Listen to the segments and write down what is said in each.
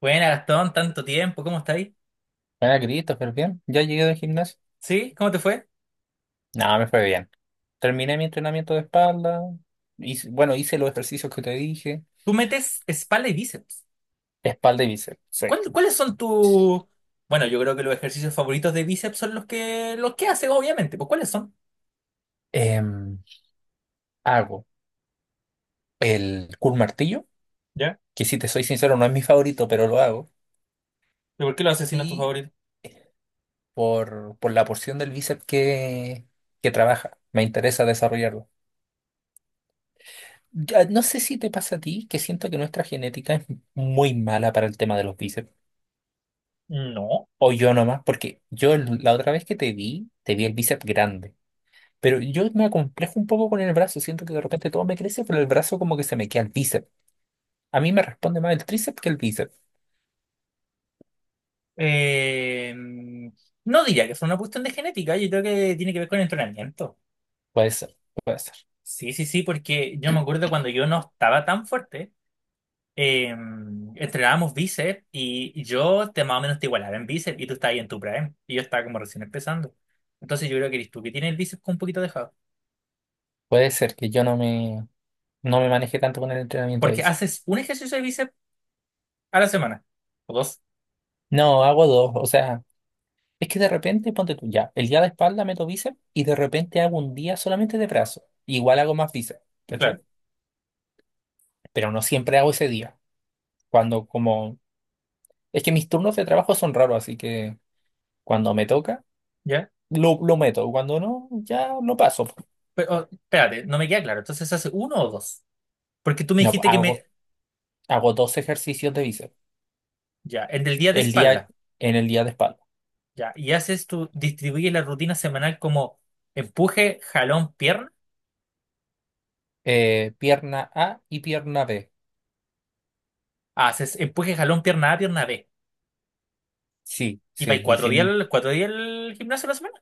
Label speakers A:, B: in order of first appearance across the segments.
A: Buena, Gastón, tanto tiempo, ¿cómo estás ahí?
B: Buena, Christopher, bien. Ya llegué del gimnasio.
A: ¿Sí? ¿Cómo te fue?
B: No, me fue bien. Terminé mi entrenamiento de espalda. Hice los ejercicios que te dije.
A: Tú metes espalda y bíceps.
B: Espalda y bíceps. Sí.
A: ¿Cuáles son tus? Bueno, yo creo que los ejercicios favoritos de bíceps son los que haces, obviamente. Pues, ¿cuáles son?
B: Em, hago el curl martillo,
A: ¿Ya?
B: que si te soy sincero, no es mi favorito, pero lo hago.
A: ¿Y por qué los haces si no es tu
B: Y
A: favorito?
B: por la porción del bíceps que trabaja, me interesa desarrollarlo. Ya, no sé si te pasa a ti, que siento que nuestra genética es muy mala para el tema de los bíceps.
A: No.
B: O yo nomás, porque la otra vez que te vi el bíceps grande. Pero yo me acomplejo un poco con el brazo, siento que de repente todo me crece, pero el brazo como que se me queda el bíceps. A mí me responde más el tríceps que el bíceps.
A: Eh, no diría que fue una cuestión de genética, yo creo que tiene que ver con el entrenamiento.
B: Puede ser, puede ser.
A: Sí, sí, sí, porque yo me acuerdo cuando yo no estaba tan fuerte. eh, Entrenábamos bíceps y yo te más o menos te igualaba en bíceps, y tú estabas ahí en tu prime y yo estaba como recién empezando. Entonces yo creo que eres tú que tienes el bíceps con un poquito dejado.
B: Puede ser que yo no me, no me maneje tanto con el entrenamiento de
A: Porque
B: bíceps.
A: haces un ejercicio de bíceps a la semana. O dos,
B: No, hago dos, o sea, es que de repente ponte tú ya, el día de espalda meto bíceps y de repente hago un día solamente de brazo. Igual hago más bíceps, ¿cachai?
A: claro.
B: Pero no siempre hago ese día. Cuando como, es que mis turnos de trabajo son raros, así que cuando me toca,
A: ¿Ya?
B: lo meto. Cuando no, ya lo paso.
A: Pero, oh, espérate, no me queda claro. Entonces haces uno o dos. Porque tú me
B: No,
A: dijiste que me.
B: hago Hago dos ejercicios de bíceps
A: Ya, en el del día de
B: el día,
A: espalda.
B: en el día de espalda.
A: Ya, y haces tu. Distribuyes la rutina semanal como empuje, jalón, pierna.
B: Pierna A y pierna B.
A: Ah, haces empuje, jalón, pierna A, pierna B.
B: Sí,
A: Y vais
B: sí, sí,
A: cuatro
B: sí.
A: días, 4 días al gimnasio a la semana.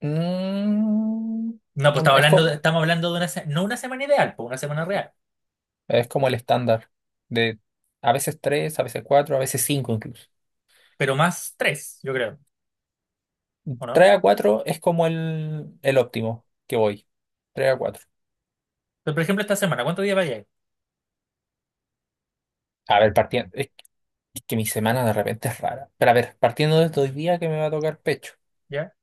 B: Mm,
A: No, pues estamos
B: es
A: hablando,
B: como,
A: estamos hablando de una, no una semana ideal, pues una semana real,
B: es como el estándar de a veces tres, a veces cuatro, a veces cinco incluso.
A: pero más tres, yo creo, ¿o no?
B: Tres a cuatro es como el óptimo que voy. Tres a cuatro.
A: Pero, por ejemplo, esta semana, ¿cuántos días va a llegar?
B: A ver, partiendo. Es que mi semana de repente es rara. Pero a ver, partiendo de hoy día que me va a tocar pecho.
A: ¿Ya?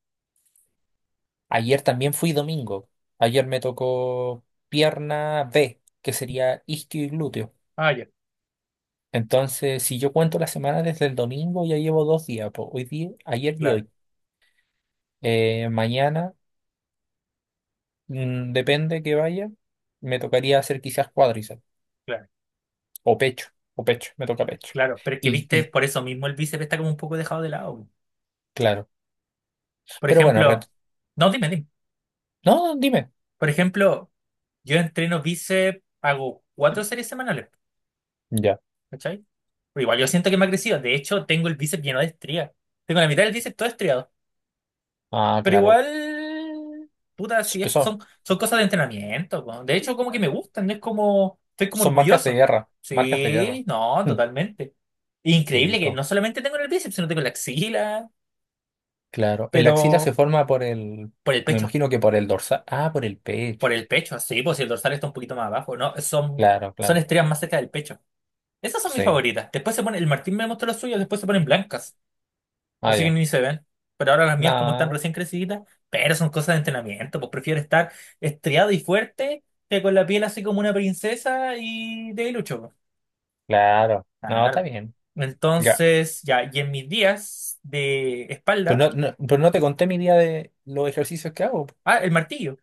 B: Ayer también fui domingo. Ayer me tocó pierna B, que sería isquio y glúteo.
A: Ah, ya,
B: Entonces, si yo cuento la semana desde el domingo, ya llevo dos días, po. Hoy día, ayer y
A: claro,
B: hoy. Mañana, depende que vaya, me tocaría hacer quizás cuádriceps
A: claro,
B: o pecho, me toca pecho.
A: claro. Pero es que,
B: Y,
A: viste,
B: y
A: por eso mismo el bíceps está como un poco dejado de lado, pues.
B: claro.
A: Por
B: Pero bueno,
A: ejemplo, no, dime, dime.
B: no, dime.
A: Por ejemplo, yo entreno bíceps, hago 4 series semanales,
B: Ya.
A: ¿cachai? Pero igual yo siento que me ha crecido. De hecho, tengo el bíceps lleno de estrías. Tengo la mitad del bíceps todo estriado.
B: Ah,
A: Pero
B: claro.
A: igual, puta, sí,
B: Son,
A: son, son cosas de entrenamiento, po. De hecho, como que me gustan, no es como, estoy como
B: son marcas de
A: orgulloso.
B: guerra, marcas de guerra.
A: Sí, no, totalmente.
B: Sí,
A: Increíble que
B: pues.
A: no solamente tengo en el bíceps, sino tengo en la axila,
B: Claro, el axila
A: pero
B: se forma
A: por el
B: me
A: pecho,
B: imagino que por el dorsal, ah, por el
A: por
B: pecho,
A: el pecho, sí, pues si el dorsal está un poquito más abajo, ¿no? Son,
B: claro,
A: son
B: claro,
A: estrellas más cerca del pecho. Esas son mis
B: sí,
A: favoritas. Después se pone, el Martín me mostró las suyas, después se ponen blancas. O
B: ah,
A: sea que
B: ya,
A: ni se ven. Pero ahora las mías, como están
B: no,
A: recién creciditas, pero son cosas de entrenamiento. Pues prefiero estar estriado y fuerte que con la piel así como una princesa y de lucho, pues.
B: claro, no, está
A: Claro.
B: bien, ya,
A: Entonces, ya, y en mis días de
B: pues
A: espalda.
B: no, no, pero no te conté mi día de los ejercicios que hago,
A: Ah, el martillo.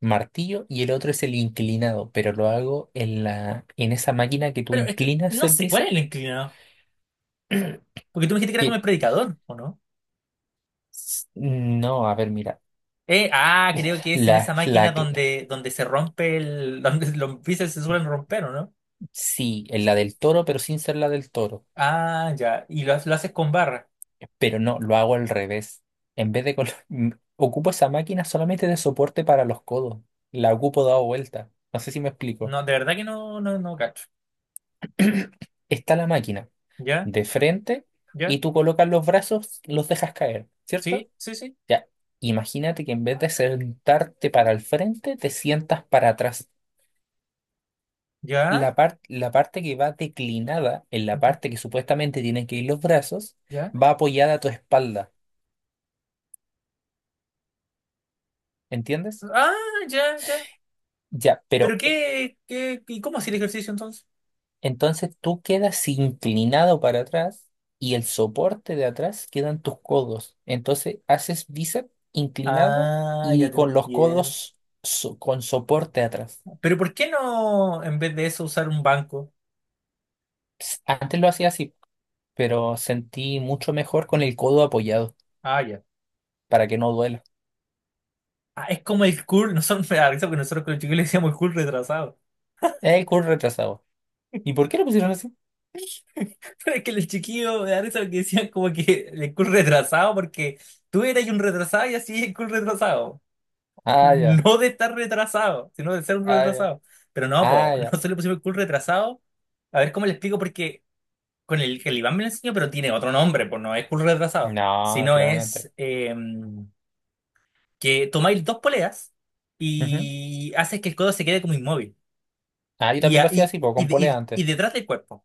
B: martillo y el otro es el inclinado, pero lo hago en en esa máquina que tú
A: Pero es que
B: inclinas
A: no
B: el
A: sé, ¿cuál es
B: bíceps,
A: el inclinado? Porque tú me dijiste que era como
B: que,
A: el predicador, ¿o no?
B: no, a ver, mira,
A: Creo que es en esa
B: la, la,
A: máquina donde, se rompe el donde los bíceps se suelen romper, ¿o no?
B: sí, en la del toro, pero sin ser la del toro.
A: Ah, ya. Y lo haces con barra.
B: Pero no, lo hago al revés. En vez de... colo- Ocupo esa máquina solamente de soporte para los codos. La ocupo dado vuelta. No sé si me explico.
A: No, de verdad que no, no, no cacho.
B: Está la máquina
A: Ya,
B: de frente y
A: ya,
B: tú colocas los brazos, los dejas caer, ¿cierto?
A: sí, sí, sí,
B: Ya, imagínate que en vez de sentarte para el frente, te sientas para atrás.
A: ya,
B: La parte que va declinada, en la
A: ya,
B: parte que supuestamente tienen que ir los brazos,
A: ya.
B: va apoyada a tu espalda, ¿entiendes?
A: Ah, ya, ya.
B: Ya, pero
A: ¿Pero qué, qué, y cómo hacía el ejercicio entonces?
B: entonces tú quedas inclinado para atrás y el soporte de atrás quedan tus codos. Entonces haces bíceps inclinado
A: Ah, ya
B: y
A: te
B: con los
A: entiendo.
B: codos con soporte atrás.
A: Pero ¿por qué no, en vez de eso, usar un banco?
B: Antes lo hacía así, pero sentí mucho mejor con el codo apoyado
A: Ah, ya.
B: para que no duela.
A: Ah, es como el cool, nosotros me da risa porque nosotros con el chiquillo le decíamos el cool retrasado.
B: Es el curl retrasado. ¿Y por qué lo pusieron así?
A: Pero es que el chiquillo me da risa porque decían como que el cool retrasado porque tú eras un retrasado y así el cool retrasado.
B: Ah, ya,
A: No de estar retrasado, sino de ser un
B: ah, ya,
A: retrasado. Pero no, po,
B: ah,
A: no
B: ya.
A: se le pusimos el cool retrasado. A ver cómo le explico, porque con el que el Iván me lo enseñó, pero tiene otro nombre, pues no es cool retrasado,
B: No,
A: sino
B: claramente.
A: es que tomáis dos poleas
B: Ujú.
A: y haces que el codo se quede como inmóvil
B: Ah, yo
A: y,
B: también lo hacía así, po, con polea
A: y
B: antes.
A: detrás del cuerpo.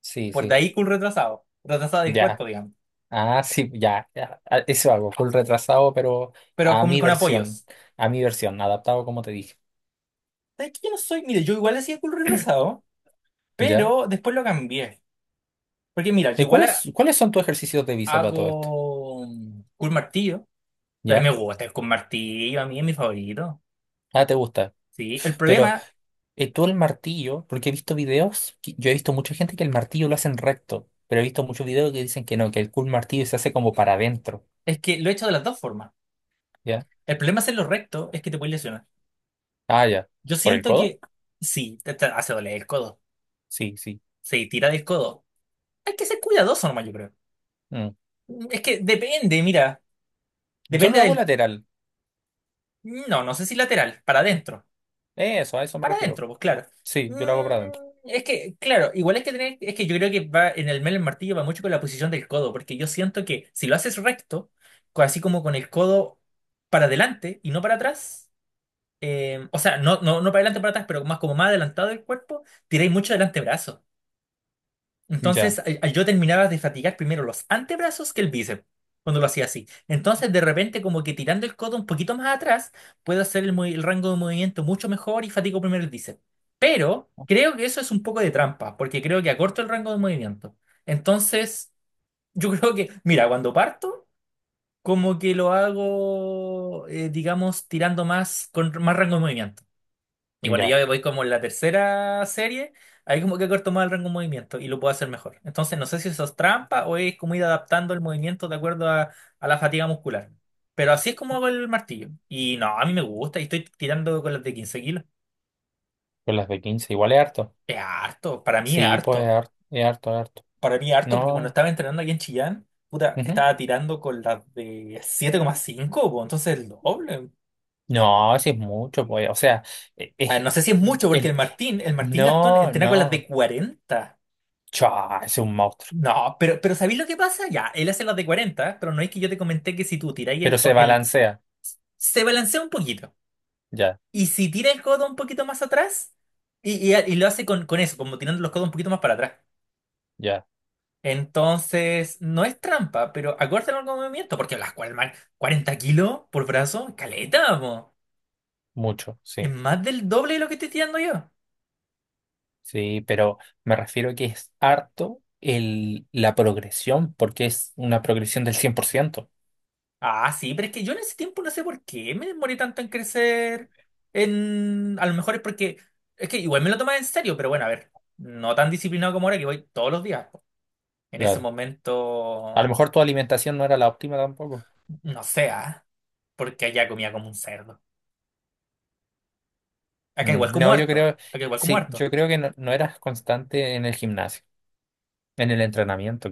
B: Sí,
A: Por de
B: sí.
A: ahí cool retrasado, retrasado del
B: Ya.
A: cuerpo, digamos,
B: Ah, sí, ya, ya, ah, eso hago, full retrasado, pero
A: pero
B: a mi
A: con
B: versión,
A: apoyos.
B: a mi versión, adaptado como te dije,
A: ¿Sabes que yo no soy? Mire, yo igual hacía cool retrasado,
B: ¿ya?
A: pero después lo cambié. Porque mira, yo igual
B: Cuáles son tus ejercicios de visa para todo esto?
A: hago un martillo. Pero a mí
B: ¿Ya?
A: me gusta el con martillo, a mí es mi favorito.
B: Ah, te gusta.
A: Sí, el
B: Pero
A: problema
B: tú el martillo, porque he visto videos, yo he visto mucha gente que el martillo lo hacen recto, pero he visto muchos videos que dicen que no, que el cool martillo se hace como para adentro,
A: es que lo he hecho de las dos formas.
B: ¿ya?
A: El problema es hacerlo recto, es que te puedes lesionar.
B: Ah, ya.
A: Yo
B: ¿Por el
A: siento
B: codo?
A: que sí, te hace doler el codo.
B: Sí, sí.
A: Sí, tira del codo. Hay que ser cuidadoso nomás, yo creo.
B: Mm.
A: Es que depende, mira,
B: Yo
A: depende
B: lo hago
A: del.
B: lateral,
A: No, no sé si lateral, para adentro.
B: eso, a eso me
A: Para
B: refiero.
A: adentro, pues claro.
B: Sí,
A: Mm,
B: yo lo hago para adentro.
A: es que, claro, igual hay que tener, es que yo creo que va en el mero martillo va mucho con la posición del codo, porque yo siento que si lo haces recto, así como con el codo para adelante y no para atrás, o sea, no, no, no para adelante para atrás, pero más como más adelantado el cuerpo, tiráis mucho del antebrazo. Entonces,
B: Ya,
A: yo terminaba de fatigar primero los antebrazos que el bíceps cuando lo hacía así. Entonces, de repente, como que tirando el codo un poquito más atrás, puedo hacer el, el rango de movimiento mucho mejor y fatigo primero el bíceps. Pero creo que eso es un poco de trampa, porque creo que acorto el rango de movimiento. Entonces, yo creo que, mira, cuando parto, como que lo hago, digamos, tirando más con más rango de movimiento. Y bueno,
B: ya.
A: ya voy como en la tercera serie, ahí como que corto más el rango de movimiento y lo puedo hacer mejor. Entonces, no sé si eso es trampa o es como ir adaptando el movimiento de acuerdo a la fatiga muscular. Pero así es como hago el martillo. Y no, a mí me gusta y estoy tirando con las de 15 kilos.
B: Con las de 15 igual es harto.
A: Es harto, para mí es
B: Sí, pues
A: harto.
B: es harto, harto.
A: Para mí es harto porque cuando
B: No,
A: estaba entrenando aquí en Chillán, puta,
B: ujú.
A: estaba tirando con las de 7,5, po, entonces el doble.
B: No, sí es mucho, pues. O sea,
A: Ah,
B: es,
A: no sé si es mucho porque
B: el,
A: el Martín Gastón
B: no,
A: entrena con las de
B: no.
A: 40.
B: Chua, es un monstruo.
A: No, pero ¿sabéis lo que pasa? Ya, él hace las de 40 pero no es que yo te comenté que si tú tiráis
B: Pero
A: el,
B: se
A: el.
B: balancea.
A: Se balancea un poquito.
B: Ya,
A: Y si tira el codo un poquito más atrás, y lo hace con eso, como tirando los codos un poquito más para atrás.
B: ya.
A: Entonces, no es trampa, pero acórtalo al movimiento, porque las man, 40 kilos por brazo, caleta, po.
B: Mucho,
A: Es
B: sí.
A: más del doble de lo que estoy tirando yo.
B: Sí, pero me refiero a que es harto la progresión, porque es una progresión del 100%.
A: Ah, sí, pero es que yo en ese tiempo no sé por qué me demoré tanto en crecer. En. A lo mejor es porque. Es que igual me lo tomaba en serio, pero bueno, a ver. No tan disciplinado como ahora que voy todos los días, po. En ese
B: Claro. A lo
A: momento.
B: mejor tu alimentación no era la óptima tampoco.
A: No sé, ah, porque allá comía como un cerdo. Acá igual como
B: No, yo
A: harto.
B: creo,
A: Acá igual como
B: sí,
A: harto.
B: yo creo que no, no eras constante en el gimnasio, en el entrenamiento,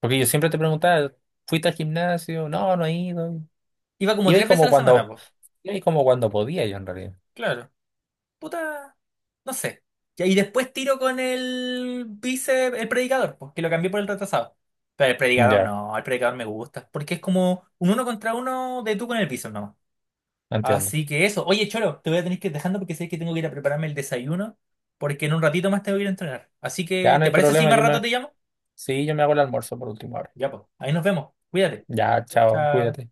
B: porque yo siempre te preguntaba, ¿fuiste al gimnasio? No, no he ido.
A: Iba como
B: Iba y
A: 3 veces a
B: como
A: la semana,
B: cuando,
A: pues.
B: iba y como cuando podía yo en realidad.
A: Claro, puta, no sé. Ya, y después tiro con el vice, el predicador, pues, que lo cambié por el retrasado. Pero el predicador
B: Ya,
A: no, el predicador me gusta, porque es como un uno contra uno de tú con el piso no.
B: entiendo.
A: Así que eso. Oye, Cholo, te voy a tener que ir dejando porque sé que tengo que ir a prepararme el desayuno, porque en un ratito más tengo que ir a entrenar. Así
B: Ya
A: que,
B: no
A: ¿te
B: hay
A: parece si
B: problema,
A: más rato te llamo?
B: sí, yo me hago el almuerzo por última hora.
A: Ya, pues, ahí nos vemos. Cuídate.
B: Ya, chao,
A: Chao.
B: cuídate.